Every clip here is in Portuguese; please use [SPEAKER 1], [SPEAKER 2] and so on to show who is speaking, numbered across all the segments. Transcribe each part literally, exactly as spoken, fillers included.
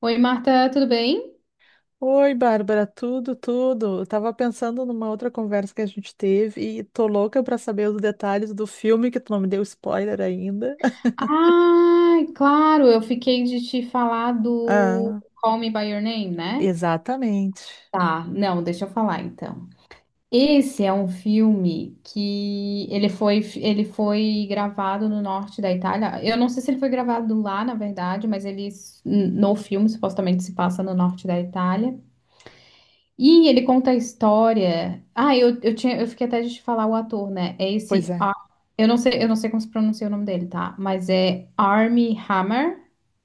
[SPEAKER 1] Oi, Marta, tudo bem?
[SPEAKER 2] Oi, Bárbara, tudo, tudo. Eu tava pensando numa outra conversa que a gente teve e tô louca pra saber os detalhes do filme que tu não me deu spoiler ainda.
[SPEAKER 1] Ah, claro, eu fiquei de te falar do
[SPEAKER 2] Ah,
[SPEAKER 1] Call Me By Your Name, né?
[SPEAKER 2] exatamente.
[SPEAKER 1] Tá, não, deixa eu falar então. Esse é um filme que ele foi, ele foi gravado no norte da Itália. Eu não sei se ele foi gravado lá, na verdade, mas ele no filme supostamente se passa no norte da Itália. E ele conta a história. Ah, eu, eu tinha, eu fiquei até de te falar o ator, né? É
[SPEAKER 2] Pois
[SPEAKER 1] esse.
[SPEAKER 2] é.
[SPEAKER 1] Ar- Eu não sei, eu não sei como se pronuncia o nome dele, tá? Mas é Armie Hammer.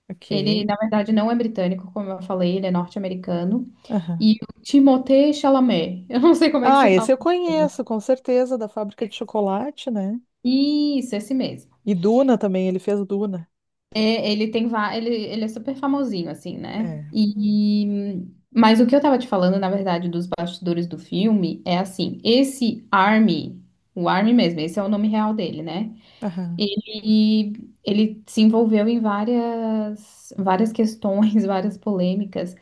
[SPEAKER 2] Ok.
[SPEAKER 1] Ele, na verdade, não é britânico, como eu falei, ele é norte-americano.
[SPEAKER 2] Aham.
[SPEAKER 1] E o Timothée Chalamet. Eu não sei como é que
[SPEAKER 2] Ah,
[SPEAKER 1] se fala
[SPEAKER 2] esse
[SPEAKER 1] o
[SPEAKER 2] eu
[SPEAKER 1] nome dele.
[SPEAKER 2] conheço, com certeza, da fábrica de chocolate, né?
[SPEAKER 1] Isso, esse mesmo.
[SPEAKER 2] E Duna também, ele fez Duna.
[SPEAKER 1] Ele tem va- ele, ele é super famosinho, assim, né?
[SPEAKER 2] É.
[SPEAKER 1] E, mas o que eu tava te falando, na verdade, dos bastidores do filme é assim, esse Army, o Army mesmo, esse é o nome real dele, né?
[SPEAKER 2] Aham.
[SPEAKER 1] Ele, ele se envolveu em várias, várias questões, várias polêmicas,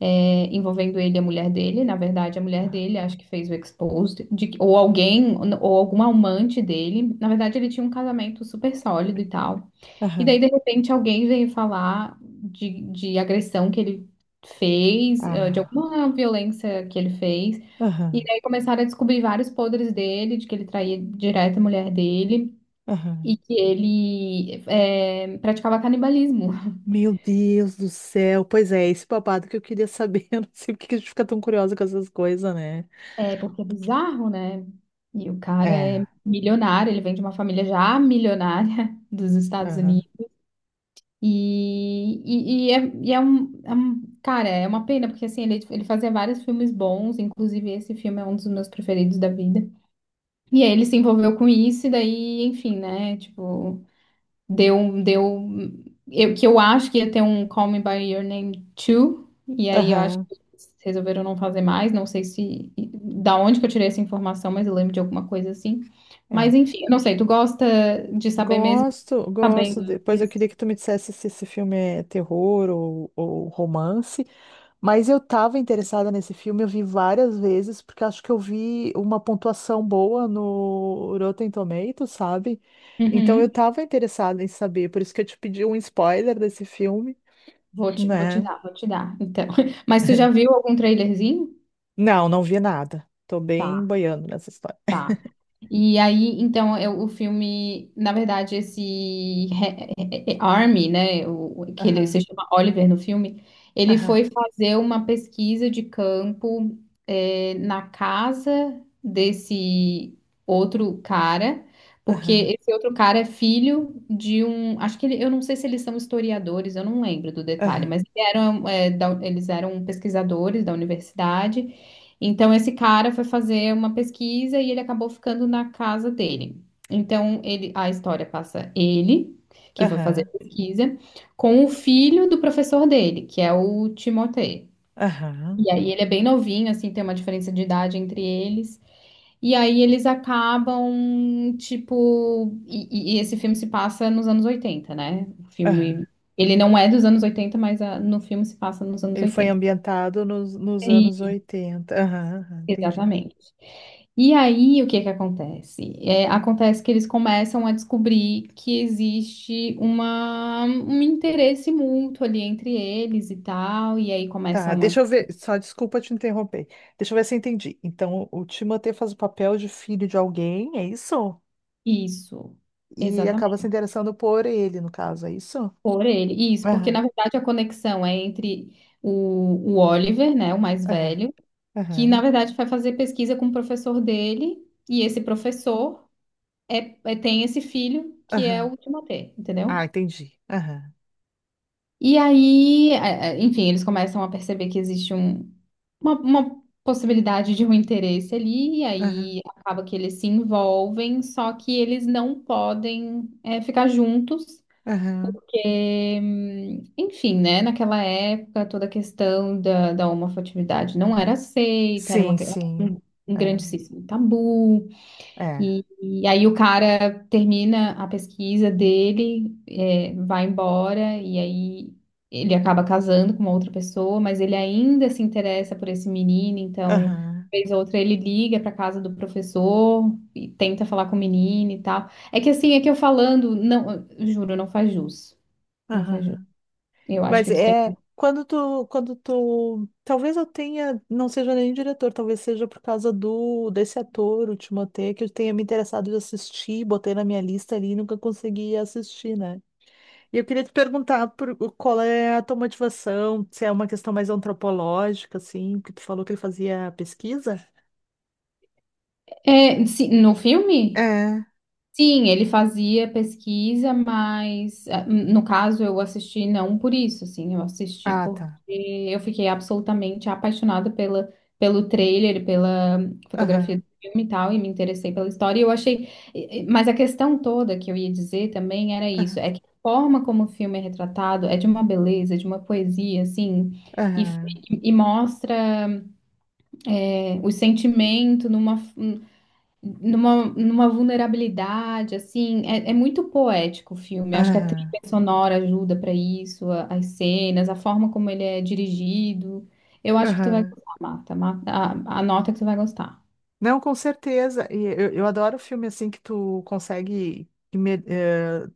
[SPEAKER 1] é, envolvendo ele e a mulher dele. Na verdade, a mulher
[SPEAKER 2] Ah.
[SPEAKER 1] dele acho que fez o exposed, de que- ou alguém, ou algum amante dele. Na verdade, ele tinha um casamento super sólido e tal. E daí,
[SPEAKER 2] Aham.
[SPEAKER 1] de repente, alguém veio falar de, de agressão que ele fez, eh, de
[SPEAKER 2] Ah.
[SPEAKER 1] alguma violência que ele fez. E
[SPEAKER 2] Aham.
[SPEAKER 1] daí começaram a descobrir vários podres dele, de que ele traía direto a mulher dele e
[SPEAKER 2] Aham.
[SPEAKER 1] que ele eh, praticava canibalismo.
[SPEAKER 2] Meu Deus do céu. Pois é, esse babado que eu queria saber. Eu não sei por que que a gente fica tão curiosa com essas coisas, né?
[SPEAKER 1] É, porque é bizarro, né? E o cara é
[SPEAKER 2] É,
[SPEAKER 1] milionário, ele vem de uma família já milionária dos Estados
[SPEAKER 2] aham,
[SPEAKER 1] Unidos. E, e, e é, e é um, é um- cara, é uma pena, porque assim, ele, ele fazia vários filmes bons, inclusive esse filme é um dos meus preferidos da vida. E aí ele se envolveu com isso, e daí, enfim, né? Tipo, deu, deu. Eu, que eu acho que ia ter um Call Me By Your Name dois, e aí eu acho
[SPEAKER 2] aham,
[SPEAKER 1] que eles resolveram não fazer mais. Não sei se. Da onde que eu tirei essa informação, mas eu lembro de alguma coisa assim. Mas
[SPEAKER 2] é.
[SPEAKER 1] enfim, eu não sei, tu gosta de saber mesmo,
[SPEAKER 2] Gosto, gosto.
[SPEAKER 1] sabendo
[SPEAKER 2] Depois eu
[SPEAKER 1] disso?
[SPEAKER 2] queria que tu me dissesse se esse filme é terror ou, ou romance, mas eu tava interessada nesse filme, eu vi várias vezes, porque acho que eu vi uma pontuação boa no Rotten Tomatoes, sabe? Então eu tava interessada em saber, por isso que eu te pedi um spoiler desse filme,
[SPEAKER 1] Vou te, vou te
[SPEAKER 2] né?
[SPEAKER 1] dar, vou te dar. Então, mas tu já viu algum trailerzinho?
[SPEAKER 2] Não, não vi nada. Tô bem
[SPEAKER 1] Tá,
[SPEAKER 2] boiando nessa história.
[SPEAKER 1] tá. E aí, então, eu- o filme, na verdade, esse re- é- é- Army, né, o, o- que ele
[SPEAKER 2] Aham,
[SPEAKER 1] se chama Oliver no filme, ele
[SPEAKER 2] aham,
[SPEAKER 1] foi fazer uma pesquisa de campo, é, na casa desse outro cara, porque
[SPEAKER 2] aham,
[SPEAKER 1] esse outro cara é filho de um, acho que ele, eu não sei se eles são historiadores, eu não lembro do detalhe,
[SPEAKER 2] aham,
[SPEAKER 1] mas eles eram, é, da- eles eram pesquisadores da universidade. Então, esse cara foi fazer uma pesquisa e ele acabou ficando na casa dele. Então, ele, a história passa ele, que foi fazer
[SPEAKER 2] aham,
[SPEAKER 1] a pesquisa, com o filho do professor dele, que é o Timothée.
[SPEAKER 2] aham.
[SPEAKER 1] E aí, ele é bem novinho, assim, tem uma diferença de idade entre eles. E aí, eles acabam, tipo. E, e- e esse filme se passa nos anos oitenta, né? O filme.
[SPEAKER 2] Aham.
[SPEAKER 1] Ele não é dos anos oitenta, mas ah, no filme se passa nos anos
[SPEAKER 2] Ele foi
[SPEAKER 1] oitenta.
[SPEAKER 2] ambientado nos, nos anos oitenta. Aham, aham, entendi.
[SPEAKER 1] Exatamente. E aí, o que que acontece? É, acontece que eles começam a descobrir que existe uma, um interesse mútuo ali entre eles e tal, e aí
[SPEAKER 2] Tá,
[SPEAKER 1] começam a…
[SPEAKER 2] deixa eu ver. Só desculpa te interromper. Deixa eu ver se eu entendi. Então, o Timothée faz o papel de filho de alguém, é isso?
[SPEAKER 1] Isso,
[SPEAKER 2] E acaba se
[SPEAKER 1] exatamente,
[SPEAKER 2] interessando por ele, no caso, é isso?
[SPEAKER 1] por ele. Isso, porque
[SPEAKER 2] Aham,
[SPEAKER 1] na verdade a conexão é entre o, o Oliver, né, o mais
[SPEAKER 2] aham,
[SPEAKER 1] velho, que na
[SPEAKER 2] aham,
[SPEAKER 1] verdade vai fazer pesquisa com o professor dele, e esse professor é, é- tem esse filho que é
[SPEAKER 2] aham.
[SPEAKER 1] o Timothée,
[SPEAKER 2] Ah,
[SPEAKER 1] entendeu?
[SPEAKER 2] entendi. Aham,
[SPEAKER 1] E aí, é, é, enfim, eles começam a perceber que existe um, uma, uma possibilidade de um interesse ali, e
[SPEAKER 2] aham,
[SPEAKER 1] aí acaba que eles se envolvem, só que eles não podem é, ficar juntos,
[SPEAKER 2] aham.
[SPEAKER 1] porque, hum, enfim, né, naquela época toda a questão da, da homoafetividade não era aceita, era uma,
[SPEAKER 2] Sim,
[SPEAKER 1] que-
[SPEAKER 2] sim.
[SPEAKER 1] um, um grandíssimo tabu.
[SPEAKER 2] É, é.
[SPEAKER 1] E, e aí o cara termina a pesquisa dele, é, vai embora, e aí ele acaba casando com uma outra pessoa, mas ele ainda se interessa por esse menino, então,
[SPEAKER 2] Aham,
[SPEAKER 1] vez ou outra, ele liga para casa do professor e tenta falar com o menino e tal. É que assim, é que eu falando, não, eu juro, não faz jus. Não faz jus.
[SPEAKER 2] aham.
[SPEAKER 1] Eu acho
[SPEAKER 2] Mas
[SPEAKER 1] que tu tem.
[SPEAKER 2] é quando tu, quando tu, talvez eu tenha, não seja nem diretor, talvez seja por causa do desse ator, o Timothée, que eu tenha me interessado de assistir, botei na minha lista ali e nunca consegui assistir, né? E eu queria te perguntar por, qual é a tua motivação, se é uma questão mais antropológica, assim, que tu falou que ele fazia pesquisa?
[SPEAKER 1] É, se- no filme?
[SPEAKER 2] É.
[SPEAKER 1] Sim, ele fazia pesquisa, mas eh, no caso eu assisti não por isso, assim, eu assisti
[SPEAKER 2] Ah,
[SPEAKER 1] porque
[SPEAKER 2] tá.
[SPEAKER 1] eu fiquei absolutamente apaixonada pela, pelo trailer, pela fotografia
[SPEAKER 2] Aham,
[SPEAKER 1] do filme e tal, e me interessei pela história. E eu achei, eh, eh, mas a questão toda que eu ia dizer também era isso, é que a forma como o filme é retratado é de uma beleza, de uma poesia, assim, e,
[SPEAKER 2] aham,
[SPEAKER 1] e mostra eh, o sentimento numa, numa, numa vulnerabilidade, assim, é, é muito poético o filme. Acho que a
[SPEAKER 2] aham,
[SPEAKER 1] trilha sonora ajuda pra isso, a- as cenas, a forma como ele é dirigido. Eu acho que tu vai
[SPEAKER 2] aham.
[SPEAKER 1] gostar, Marta. Marta, a, a nota que tu vai gostar.
[SPEAKER 2] Não, com certeza. E eu, eu adoro filme assim que tu consegue imer- eh,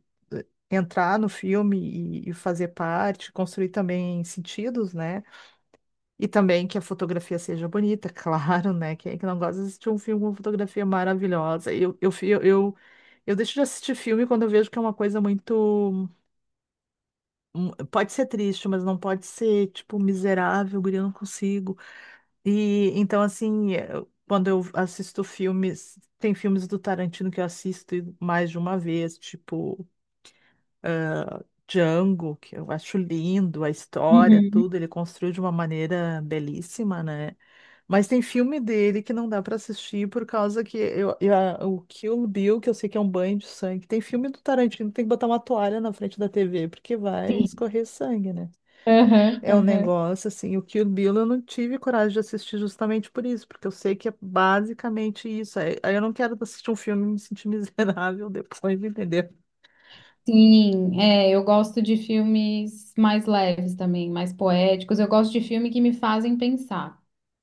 [SPEAKER 2] entrar no filme e, e fazer parte, construir também sentidos, né? E também que a fotografia seja bonita, claro, né? Quem é que não gosta de assistir um filme com fotografia maravilhosa? Eu, eu, fi- eu, eu, eu deixo de assistir filme quando eu vejo que é uma coisa muito. hum, Pode ser triste, mas não pode ser, tipo, miserável, guri, eu não consigo. E então, assim, eu- quando eu assisto filmes, tem filmes do Tarantino que eu assisto e mais de uma vez, tipo Django, que eu acho lindo, a história,
[SPEAKER 1] Uhum.
[SPEAKER 2] tudo, ele construiu de uma maneira belíssima, né? Mas tem filme dele que não dá para assistir por causa que eu, eu- a- o Kill Bill, que eu sei que é um banho de sangue, tem filme do Tarantino que tem que botar uma toalha na frente da T V porque vai
[SPEAKER 1] Sim.
[SPEAKER 2] escorrer sangue, né?
[SPEAKER 1] Aham,
[SPEAKER 2] É um
[SPEAKER 1] aham.
[SPEAKER 2] negócio assim, o Kill Bill eu não tive coragem de assistir justamente por isso, porque eu sei que é basicamente isso. Aí aí eu não quero assistir um filme e me sentir miserável depois, entendeu?
[SPEAKER 1] Sim, é, eu gosto de filmes mais leves também, mais poéticos. Eu gosto de filme que me fazem pensar,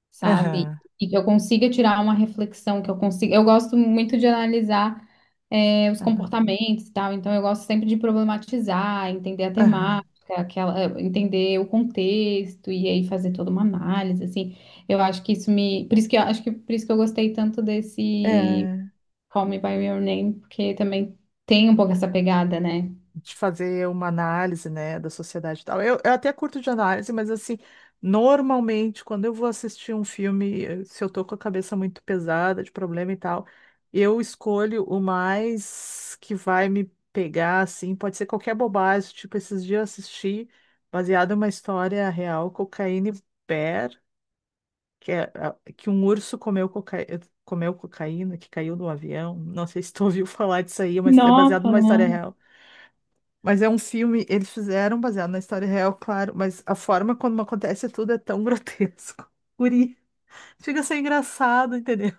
[SPEAKER 1] sabe?
[SPEAKER 2] Aham,
[SPEAKER 1] E que eu consiga tirar uma reflexão, que eu consiga. Eu gosto muito de analisar, é, os
[SPEAKER 2] aham,
[SPEAKER 1] comportamentos e tal, então eu gosto sempre de problematizar, entender a temática, aquela, eh, entender o contexto e aí fazer toda uma análise, assim. Eu acho que isso me. Por isso que eu acho que por isso que eu gostei tanto desse
[SPEAKER 2] aham.
[SPEAKER 1] Call Me by Your Name, porque também tem um pouco essa pegada, né?
[SPEAKER 2] De fazer uma análise, né, da sociedade e tal. Eu, eu até curto de análise, mas assim, normalmente, quando eu vou assistir um filme, eh, se eu tô com a cabeça muito pesada, de problema e tal, eu escolho o mais que vai me pegar, assim, pode ser qualquer bobagem, tipo, esses dias eu assisti, baseado em uma história real, Cocaine Bear, que é a- que um urso comeu cocaína, comeu cocaína, que caiu do avião. Não sei se tu ouviu falar disso aí, mas é baseado
[SPEAKER 1] Nossa,
[SPEAKER 2] numa história
[SPEAKER 1] não.
[SPEAKER 2] real. Mas é um filme, eles fizeram baseado na história real, claro, mas a forma como acontece tudo é tão grotesco. Guri, chega a ser engraçado, entendeu?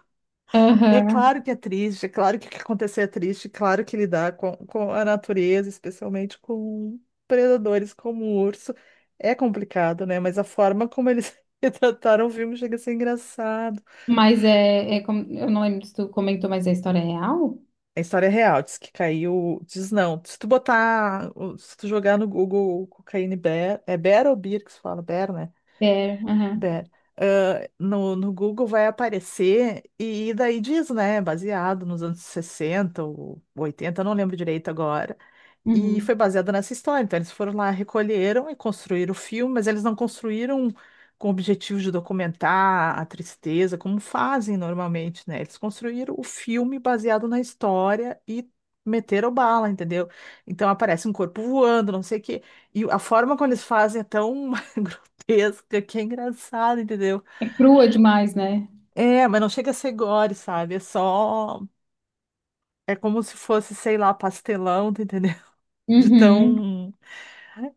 [SPEAKER 2] É
[SPEAKER 1] Aham.
[SPEAKER 2] claro que é triste, é claro que o que acontecer é triste, é claro que lidar com, com a natureza, especialmente com predadores como o urso, é complicado, né? Mas a forma como eles retrataram o filme chega a ser engraçado.
[SPEAKER 1] Mas é, é como, eu não lembro se tu comentou, mas é história real?
[SPEAKER 2] A história é real, diz que caiu. Diz não. Se tu botar. Se tu jogar no Google cocaína e Bear. É Bear ou Beer que se fala? Bear, né?
[SPEAKER 1] É, aham.
[SPEAKER 2] Dé, ah, no, no Google vai aparecer e daí diz, né? Baseado nos anos sessenta ou oitenta, eu não lembro direito agora. E foi
[SPEAKER 1] Uhum.
[SPEAKER 2] baseada nessa história. Então, eles foram lá, recolheram e construíram o filme, mas eles não construíram com o objetivo de documentar a tristeza, como fazem normalmente, né? Eles construíram o filme baseado na história e meteram bala, entendeu? Então, aparece um corpo voando, não sei o quê. E a forma como eles fazem é tão grotesca que é engraçado, entendeu?
[SPEAKER 1] É crua demais, né?
[SPEAKER 2] É, mas não chega a ser gore, sabe? É só. É como se fosse, sei lá, pastelão, tá entendendo? De
[SPEAKER 1] Uhum.
[SPEAKER 2] tão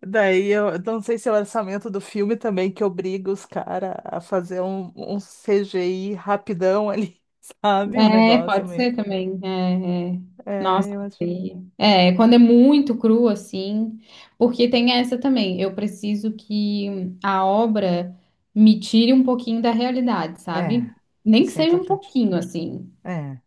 [SPEAKER 2] Daí eu eu não sei se é o orçamento do filme também que obriga os caras a fazer um, um C G I rapidão ali, sabe? Um
[SPEAKER 1] É,
[SPEAKER 2] negócio
[SPEAKER 1] pode
[SPEAKER 2] meio.
[SPEAKER 1] ser também. É, é.
[SPEAKER 2] É,
[SPEAKER 1] Nossa,
[SPEAKER 2] eu acho.
[SPEAKER 1] feia. É, quando é muito cru assim, porque tem essa também. Eu preciso que a obra me tire um pouquinho da realidade,
[SPEAKER 2] É,
[SPEAKER 1] sabe? Nem que
[SPEAKER 2] isso é
[SPEAKER 1] seja um
[SPEAKER 2] importante.
[SPEAKER 1] pouquinho assim.
[SPEAKER 2] É.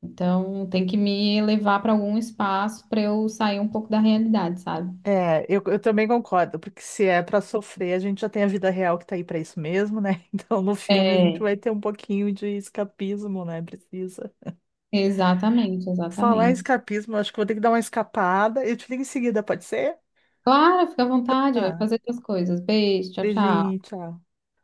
[SPEAKER 1] Então, tem que me levar para algum espaço para eu sair um pouco da realidade, sabe?
[SPEAKER 2] É, eu, eu também concordo, porque se é pra sofrer, a gente já tem a vida real que tá aí pra isso mesmo, né? Então no filme a gente
[SPEAKER 1] É,
[SPEAKER 2] vai ter um pouquinho de escapismo, né? Precisa.
[SPEAKER 1] exatamente,
[SPEAKER 2] Falar em
[SPEAKER 1] exatamente.
[SPEAKER 2] escapismo, eu acho que vou ter que dar uma escapada. Eu te ligo em seguida, pode ser?
[SPEAKER 1] Claro, fica à
[SPEAKER 2] Então
[SPEAKER 1] vontade, vai
[SPEAKER 2] tá.
[SPEAKER 1] fazer outras coisas. Beijo, tchau,
[SPEAKER 2] Beijinho,
[SPEAKER 1] tchau.
[SPEAKER 2] tchau.